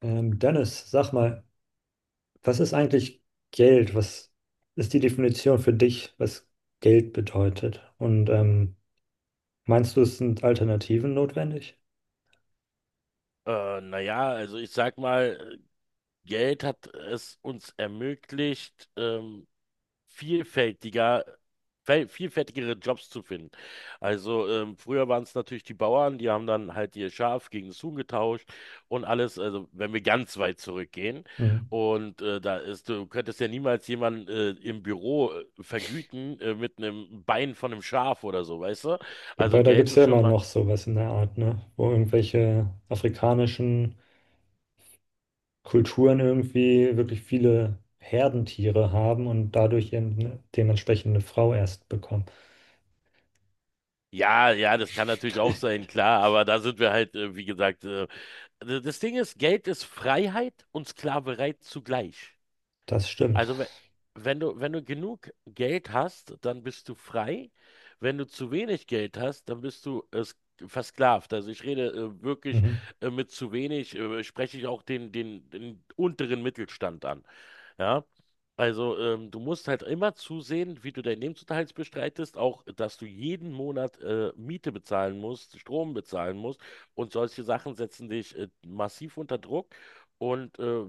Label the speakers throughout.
Speaker 1: Dennis, sag mal, was ist eigentlich Geld? Was ist die Definition für dich, was Geld bedeutet? Und meinst du, es sind Alternativen notwendig?
Speaker 2: Also ich sag mal, Geld hat es uns ermöglicht, vielfältiger, vielfältigere Jobs zu finden. Also früher waren es natürlich die Bauern, die haben dann halt ihr Schaf gegen das Huhn getauscht und alles, also wenn wir ganz weit zurückgehen.
Speaker 1: Mhm.
Speaker 2: Da ist, du könntest ja niemals jemanden im Büro vergüten mit einem Bein von einem Schaf oder so, weißt du? Also
Speaker 1: Wobei, da gibt
Speaker 2: Geld
Speaker 1: es
Speaker 2: ist
Speaker 1: ja
Speaker 2: schon
Speaker 1: immer
Speaker 2: mal.
Speaker 1: noch sowas in der Art, ne? Wo irgendwelche afrikanischen Kulturen irgendwie wirklich viele Herdentiere haben und dadurch eben eine dementsprechende Frau erst bekommen.
Speaker 2: Ja, ja, das kann natürlich auch sein, klar, aber da sind wir halt, wie gesagt, das Ding ist, Geld ist Freiheit und Sklaverei zugleich.
Speaker 1: Das stimmt.
Speaker 2: Also wenn du, wenn du genug Geld hast, dann bist du frei. Wenn du zu wenig Geld hast, dann bist du versklavt. Also ich rede wirklich
Speaker 1: Mhm.
Speaker 2: mit zu wenig, spreche ich auch den unteren Mittelstand an. Ja, also du musst halt immer zusehen, wie du deinen Lebensunterhalt bestreitest, auch dass du jeden Monat Miete bezahlen musst, Strom bezahlen musst und solche Sachen setzen dich massiv unter Druck. Und äh,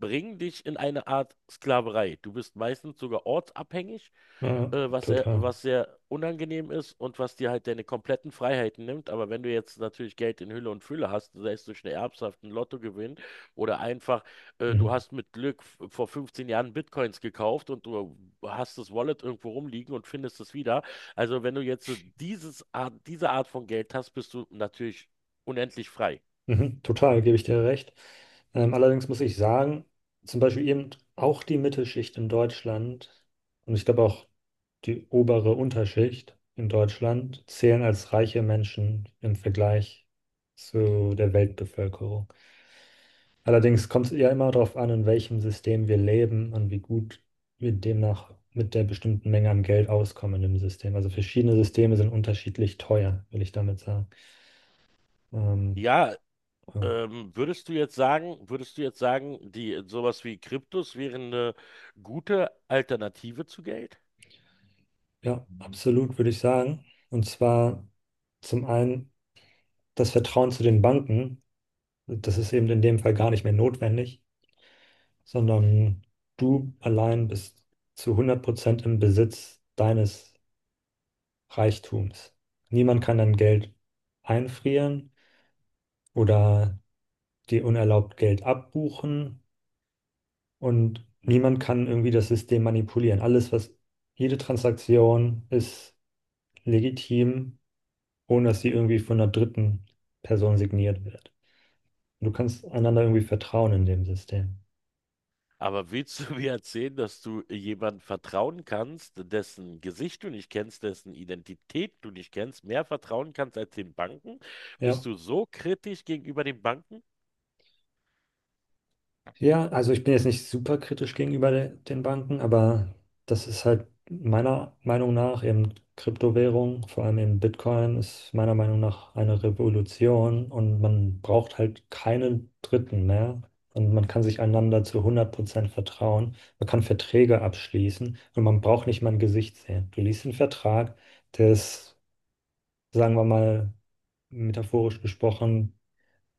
Speaker 2: bringen dich in eine Art Sklaverei. Du bist meistens sogar ortsabhängig,
Speaker 1: Ja, total.
Speaker 2: was sehr unangenehm ist und was dir halt deine kompletten Freiheiten nimmt. Aber wenn du jetzt natürlich Geld in Hülle und Fülle hast, sei es durch eine Erbschaft, einen Lottogewinn oder einfach, du
Speaker 1: Mhm.
Speaker 2: hast mit Glück vor 15 Jahren Bitcoins gekauft und du hast das Wallet irgendwo rumliegen und findest es wieder. Also wenn du jetzt diese Art von Geld hast, bist du natürlich unendlich frei.
Speaker 1: Mhm, total, gebe ich dir recht. Allerdings muss ich sagen, zum Beispiel eben auch die Mittelschicht in Deutschland und ich glaube auch die obere Unterschicht in Deutschland zählen als reiche Menschen im Vergleich zu der Weltbevölkerung. Allerdings kommt es ja immer darauf an, in welchem System wir leben und wie gut wir demnach mit der bestimmten Menge an Geld auskommen im System. Also verschiedene Systeme sind unterschiedlich teuer, will ich damit sagen. Ähm,
Speaker 2: Ja.
Speaker 1: ja.
Speaker 2: Würdest du jetzt sagen, die sowas wie Kryptos wären eine gute Alternative zu Geld?
Speaker 1: Ja, absolut, würde ich sagen. Und zwar zum einen das Vertrauen zu den Banken. Das ist eben in dem Fall gar nicht mehr notwendig, sondern du allein bist zu 100% im Besitz deines Reichtums. Niemand kann dein Geld einfrieren oder dir unerlaubt Geld abbuchen und niemand kann irgendwie das System manipulieren. Jede Transaktion ist legitim, ohne dass sie irgendwie von einer dritten Person signiert wird. Du kannst einander irgendwie vertrauen in dem System.
Speaker 2: Aber willst du mir erzählen, dass du jemandem vertrauen kannst, dessen Gesicht du nicht kennst, dessen Identität du nicht kennst, mehr vertrauen kannst als den Banken? Bist
Speaker 1: Ja.
Speaker 2: du so kritisch gegenüber den Banken?
Speaker 1: Ja, also ich bin jetzt nicht super kritisch gegenüber de den Banken, aber das ist halt meiner Meinung nach eben Kryptowährung, vor allem eben Bitcoin, ist meiner Meinung nach eine Revolution und man braucht halt keine Dritten mehr. Und man kann sich einander zu 100% vertrauen. Man kann Verträge abschließen und man braucht nicht mal ein Gesicht sehen. Du liest einen Vertrag, der ist, sagen wir mal, metaphorisch gesprochen,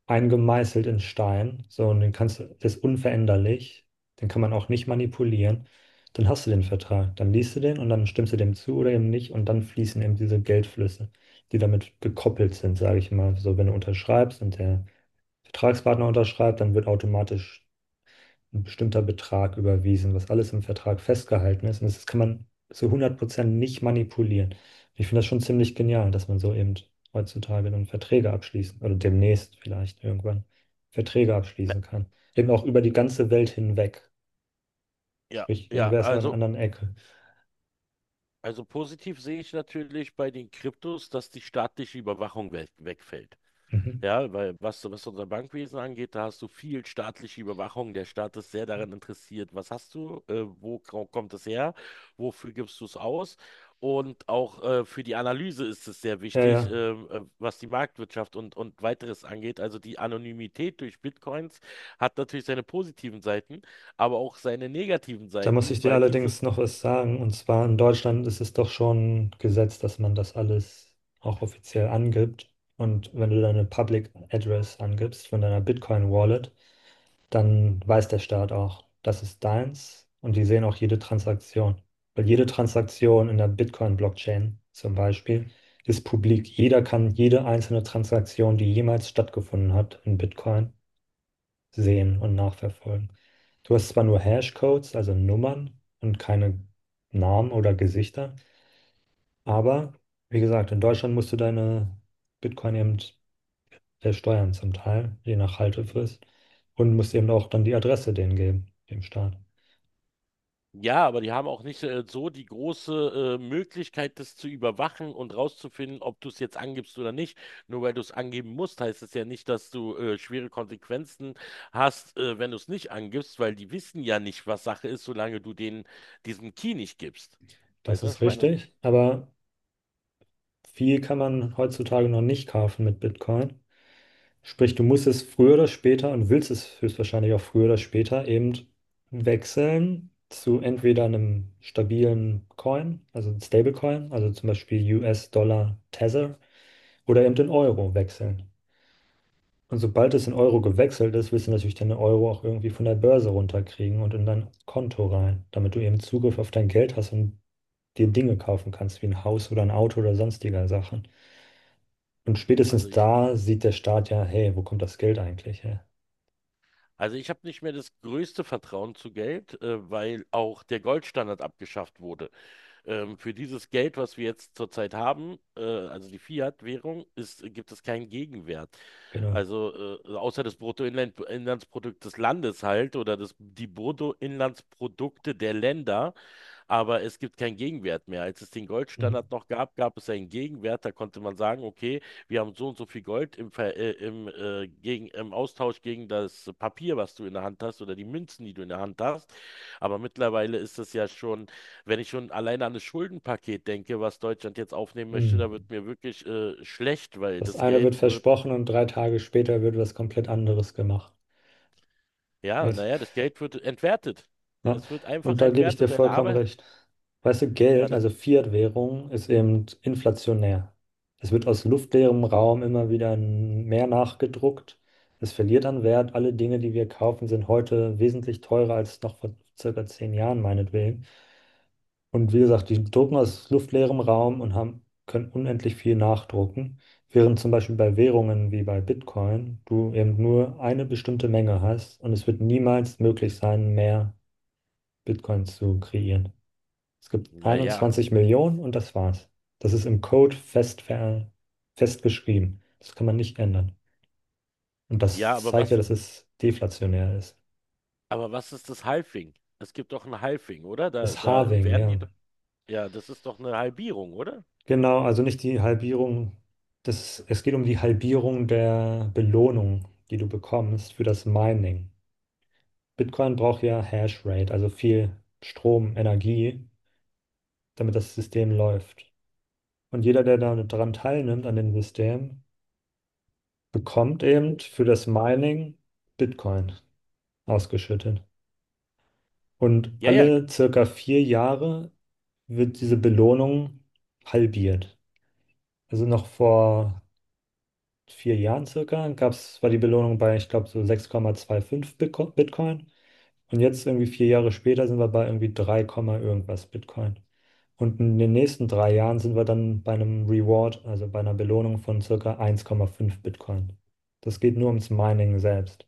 Speaker 1: eingemeißelt in Stein. So, und den kannst du, der ist unveränderlich, den kann man auch nicht manipulieren. Dann hast du den Vertrag, dann liest du den und dann stimmst du dem zu oder eben nicht und dann fließen eben diese Geldflüsse, die damit gekoppelt sind, sage ich mal. So, wenn du unterschreibst und der Vertragspartner unterschreibt, dann wird automatisch ein bestimmter Betrag überwiesen, was alles im Vertrag festgehalten ist. Und das kann man zu 100% nicht manipulieren. Ich finde das schon ziemlich genial, dass man so eben heutzutage dann Verträge abschließen oder demnächst vielleicht irgendwann Verträge
Speaker 2: Na,
Speaker 1: abschließen kann. Eben auch über die ganze Welt hinweg.
Speaker 2: ja,
Speaker 1: Sprich,
Speaker 2: ja,
Speaker 1: irgendwer ist an einer
Speaker 2: also,
Speaker 1: anderen Ecke.
Speaker 2: also positiv sehe ich natürlich bei den Kryptos, dass die staatliche Überwachung we wegfällt.
Speaker 1: Mhm.
Speaker 2: Ja, weil was, was unser Bankwesen angeht, da hast du viel staatliche Überwachung. Der Staat ist sehr daran interessiert, was hast du, wo kommt es her, wofür gibst du es aus? Und auch für die Analyse ist es sehr
Speaker 1: Ja,
Speaker 2: wichtig,
Speaker 1: ja.
Speaker 2: was die Marktwirtschaft und weiteres angeht. Also die Anonymität durch Bitcoins hat natürlich seine positiven Seiten, aber auch seine negativen
Speaker 1: Da muss ich
Speaker 2: Seiten,
Speaker 1: dir
Speaker 2: weil diese.
Speaker 1: allerdings noch was sagen. Und zwar in Deutschland ist es doch schon Gesetz, dass man das alles auch offiziell angibt. Und wenn du deine Public Address angibst von deiner Bitcoin Wallet, dann weiß der Staat auch, das ist deins. Und die sehen auch jede Transaktion. Weil jede Transaktion in der Bitcoin Blockchain zum Beispiel ist publik. Jeder kann jede einzelne Transaktion, die jemals stattgefunden hat in Bitcoin, sehen und nachverfolgen. Du hast zwar nur Hashcodes, also Nummern und keine Namen oder Gesichter, aber wie gesagt, in Deutschland musst du deine Bitcoin eben versteuern zum Teil, je nach Haltefrist, und musst eben auch dann die Adresse denen geben, dem Staat.
Speaker 2: Ja, aber die haben auch nicht so die große Möglichkeit, das zu überwachen und rauszufinden, ob du es jetzt angibst oder nicht. Nur weil du es angeben musst, heißt es ja nicht, dass du schwere Konsequenzen hast, wenn du es nicht angibst, weil die wissen ja nicht, was Sache ist, solange du denen diesen Key nicht gibst.
Speaker 1: Das
Speaker 2: Weißt du, was
Speaker 1: ist
Speaker 2: ich meine?
Speaker 1: richtig, aber viel kann man heutzutage noch nicht kaufen mit Bitcoin. Sprich, du musst es früher oder später und willst es höchstwahrscheinlich auch früher oder später eben wechseln zu entweder einem stabilen Coin, also einem Stablecoin, also zum Beispiel US-Dollar Tether oder eben den Euro wechseln. Und sobald es in Euro gewechselt ist, willst du natürlich deinen Euro auch irgendwie von der Börse runterkriegen und in dein Konto rein, damit du eben Zugriff auf dein Geld hast und dir Dinge kaufen kannst, wie ein Haus oder ein Auto oder sonstiger Sachen. Und
Speaker 2: Also
Speaker 1: spätestens
Speaker 2: ich,
Speaker 1: da sieht der Staat ja, hey, wo kommt das Geld eigentlich her?
Speaker 2: also ich habe nicht mehr das größte Vertrauen zu Geld, weil auch der Goldstandard abgeschafft wurde. Für dieses Geld, was wir jetzt zurzeit haben, also die Fiat-Währung, gibt es keinen Gegenwert.
Speaker 1: Genau.
Speaker 2: Also außer des Bruttoinlandsprodukt des Landes halt oder die Bruttoinlandsprodukte der Länder, aber es gibt keinen Gegenwert mehr. Als es den
Speaker 1: Mhm.
Speaker 2: Goldstandard noch gab, gab es einen Gegenwert. Da konnte man sagen, okay, wir haben so und so viel Gold im Austausch gegen das Papier, was du in der Hand hast oder die Münzen, die du in der Hand hast. Aber mittlerweile ist es ja schon, wenn ich schon alleine an das Schuldenpaket denke, was Deutschland jetzt aufnehmen möchte,
Speaker 1: Mhm.
Speaker 2: da wird mir wirklich schlecht, weil
Speaker 1: Das eine wird versprochen und 3 Tage später wird was komplett anderes gemacht. Yes.
Speaker 2: Das Geld wird entwertet.
Speaker 1: Ja.
Speaker 2: Es wird einfach
Speaker 1: Und da gebe ich dir
Speaker 2: entwertet. Deine
Speaker 1: vollkommen
Speaker 2: Arbeit,
Speaker 1: recht. Weißt du,
Speaker 2: ja,
Speaker 1: Geld,
Speaker 2: da,
Speaker 1: also Fiat-Währung, ist eben inflationär. Es wird aus luftleerem Raum immer wieder mehr nachgedruckt. Es verliert an Wert. Alle Dinge, die wir kaufen, sind heute wesentlich teurer als noch vor circa 10 Jahren, meinetwegen. Und wie gesagt, die drucken aus luftleerem Raum und haben, können unendlich viel nachdrucken, während zum Beispiel bei Währungen wie bei Bitcoin du eben nur eine bestimmte Menge hast und es wird niemals möglich sein, mehr Bitcoins zu kreieren. Es gibt
Speaker 2: naja. Ja,
Speaker 1: 21 Millionen und das war's. Das ist im Code fest, festgeschrieben. Das kann man nicht ändern. Und das
Speaker 2: Ja, aber
Speaker 1: zeigt ja,
Speaker 2: was,
Speaker 1: dass es deflationär ist.
Speaker 2: aber was ist das Halving? Es gibt doch ein Halving, oder? Da,
Speaker 1: Das
Speaker 2: da
Speaker 1: Halving,
Speaker 2: werden
Speaker 1: ja.
Speaker 2: die. Doch- Ja, das ist doch eine Halbierung, oder?
Speaker 1: Genau, also nicht die Halbierung. Das, es geht um die Halbierung der Belohnung, die du bekommst für das Mining. Bitcoin braucht ja Hashrate, also viel Strom, Energie, damit das System läuft. Und jeder, der daran teilnimmt, an dem System, bekommt eben für das Mining Bitcoin ausgeschüttet. Und
Speaker 2: Ja, ja.
Speaker 1: alle circa 4 Jahre wird diese Belohnung halbiert. Also noch vor 4 Jahren circa gab's, war die Belohnung bei, ich glaube, so 6,25 Bitcoin. Und jetzt irgendwie 4 Jahre später sind wir bei irgendwie 3, Komma irgendwas Bitcoin. Und in den nächsten 3 Jahren sind wir dann bei einem Reward, also bei einer Belohnung von circa 1,5 Bitcoin. Das geht nur ums Mining selbst.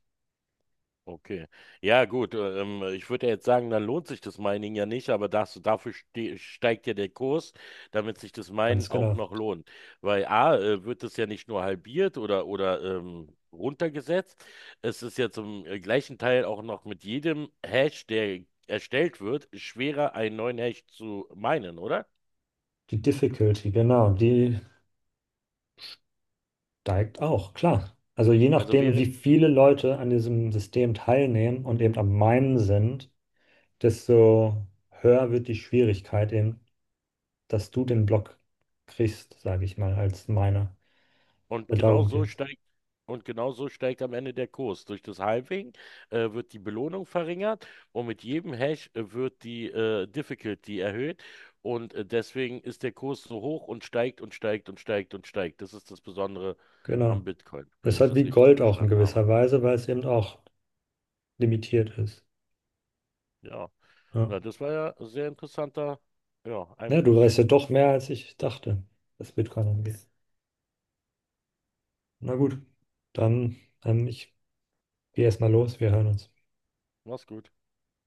Speaker 2: Okay. Ja, gut. Ich würde ja jetzt sagen, dann lohnt sich das Mining ja nicht, aber das, dafür steigt ja der Kurs, damit sich das
Speaker 1: Ganz
Speaker 2: Minen auch
Speaker 1: genau.
Speaker 2: noch lohnt. Weil A, wird es ja nicht nur halbiert oder runtergesetzt, es ist ja zum gleichen Teil auch noch mit jedem Hash, der erstellt wird, schwerer, einen neuen Hash zu minen, oder?
Speaker 1: Die Difficulty, genau, die steigt auch, klar. Also je
Speaker 2: Also
Speaker 1: nachdem, wie
Speaker 2: wäre.
Speaker 1: viele Leute an diesem System teilnehmen und eben am Minen sind, desto höher wird die Schwierigkeit eben, dass du den Block kriegst, sage ich mal, als Miner.
Speaker 2: Und
Speaker 1: Und
Speaker 2: genau
Speaker 1: darum
Speaker 2: so
Speaker 1: geht's.
Speaker 2: steigt, und genau so steigt am Ende der Kurs. Durch das Halving wird die Belohnung verringert und mit jedem Hash wird die Difficulty erhöht. Deswegen ist der Kurs so hoch und steigt und steigt und steigt und steigt. Das ist das Besondere
Speaker 1: Genau.
Speaker 2: am Bitcoin,
Speaker 1: Das
Speaker 2: wenn
Speaker 1: ist
Speaker 2: ich
Speaker 1: halt
Speaker 2: das
Speaker 1: wie
Speaker 2: richtig
Speaker 1: Gold auch in
Speaker 2: verstanden habe.
Speaker 1: gewisser Weise, weil es eben auch limitiert ist.
Speaker 2: Ja,
Speaker 1: Ja.
Speaker 2: na, das war ja ein sehr interessanter, ja,
Speaker 1: Ja, du
Speaker 2: Einfluss.
Speaker 1: weißt ja doch mehr, als ich dachte, was Bitcoin angeht. Na gut, dann, ich gehe erstmal los, wir hören uns.
Speaker 2: Mach's gut.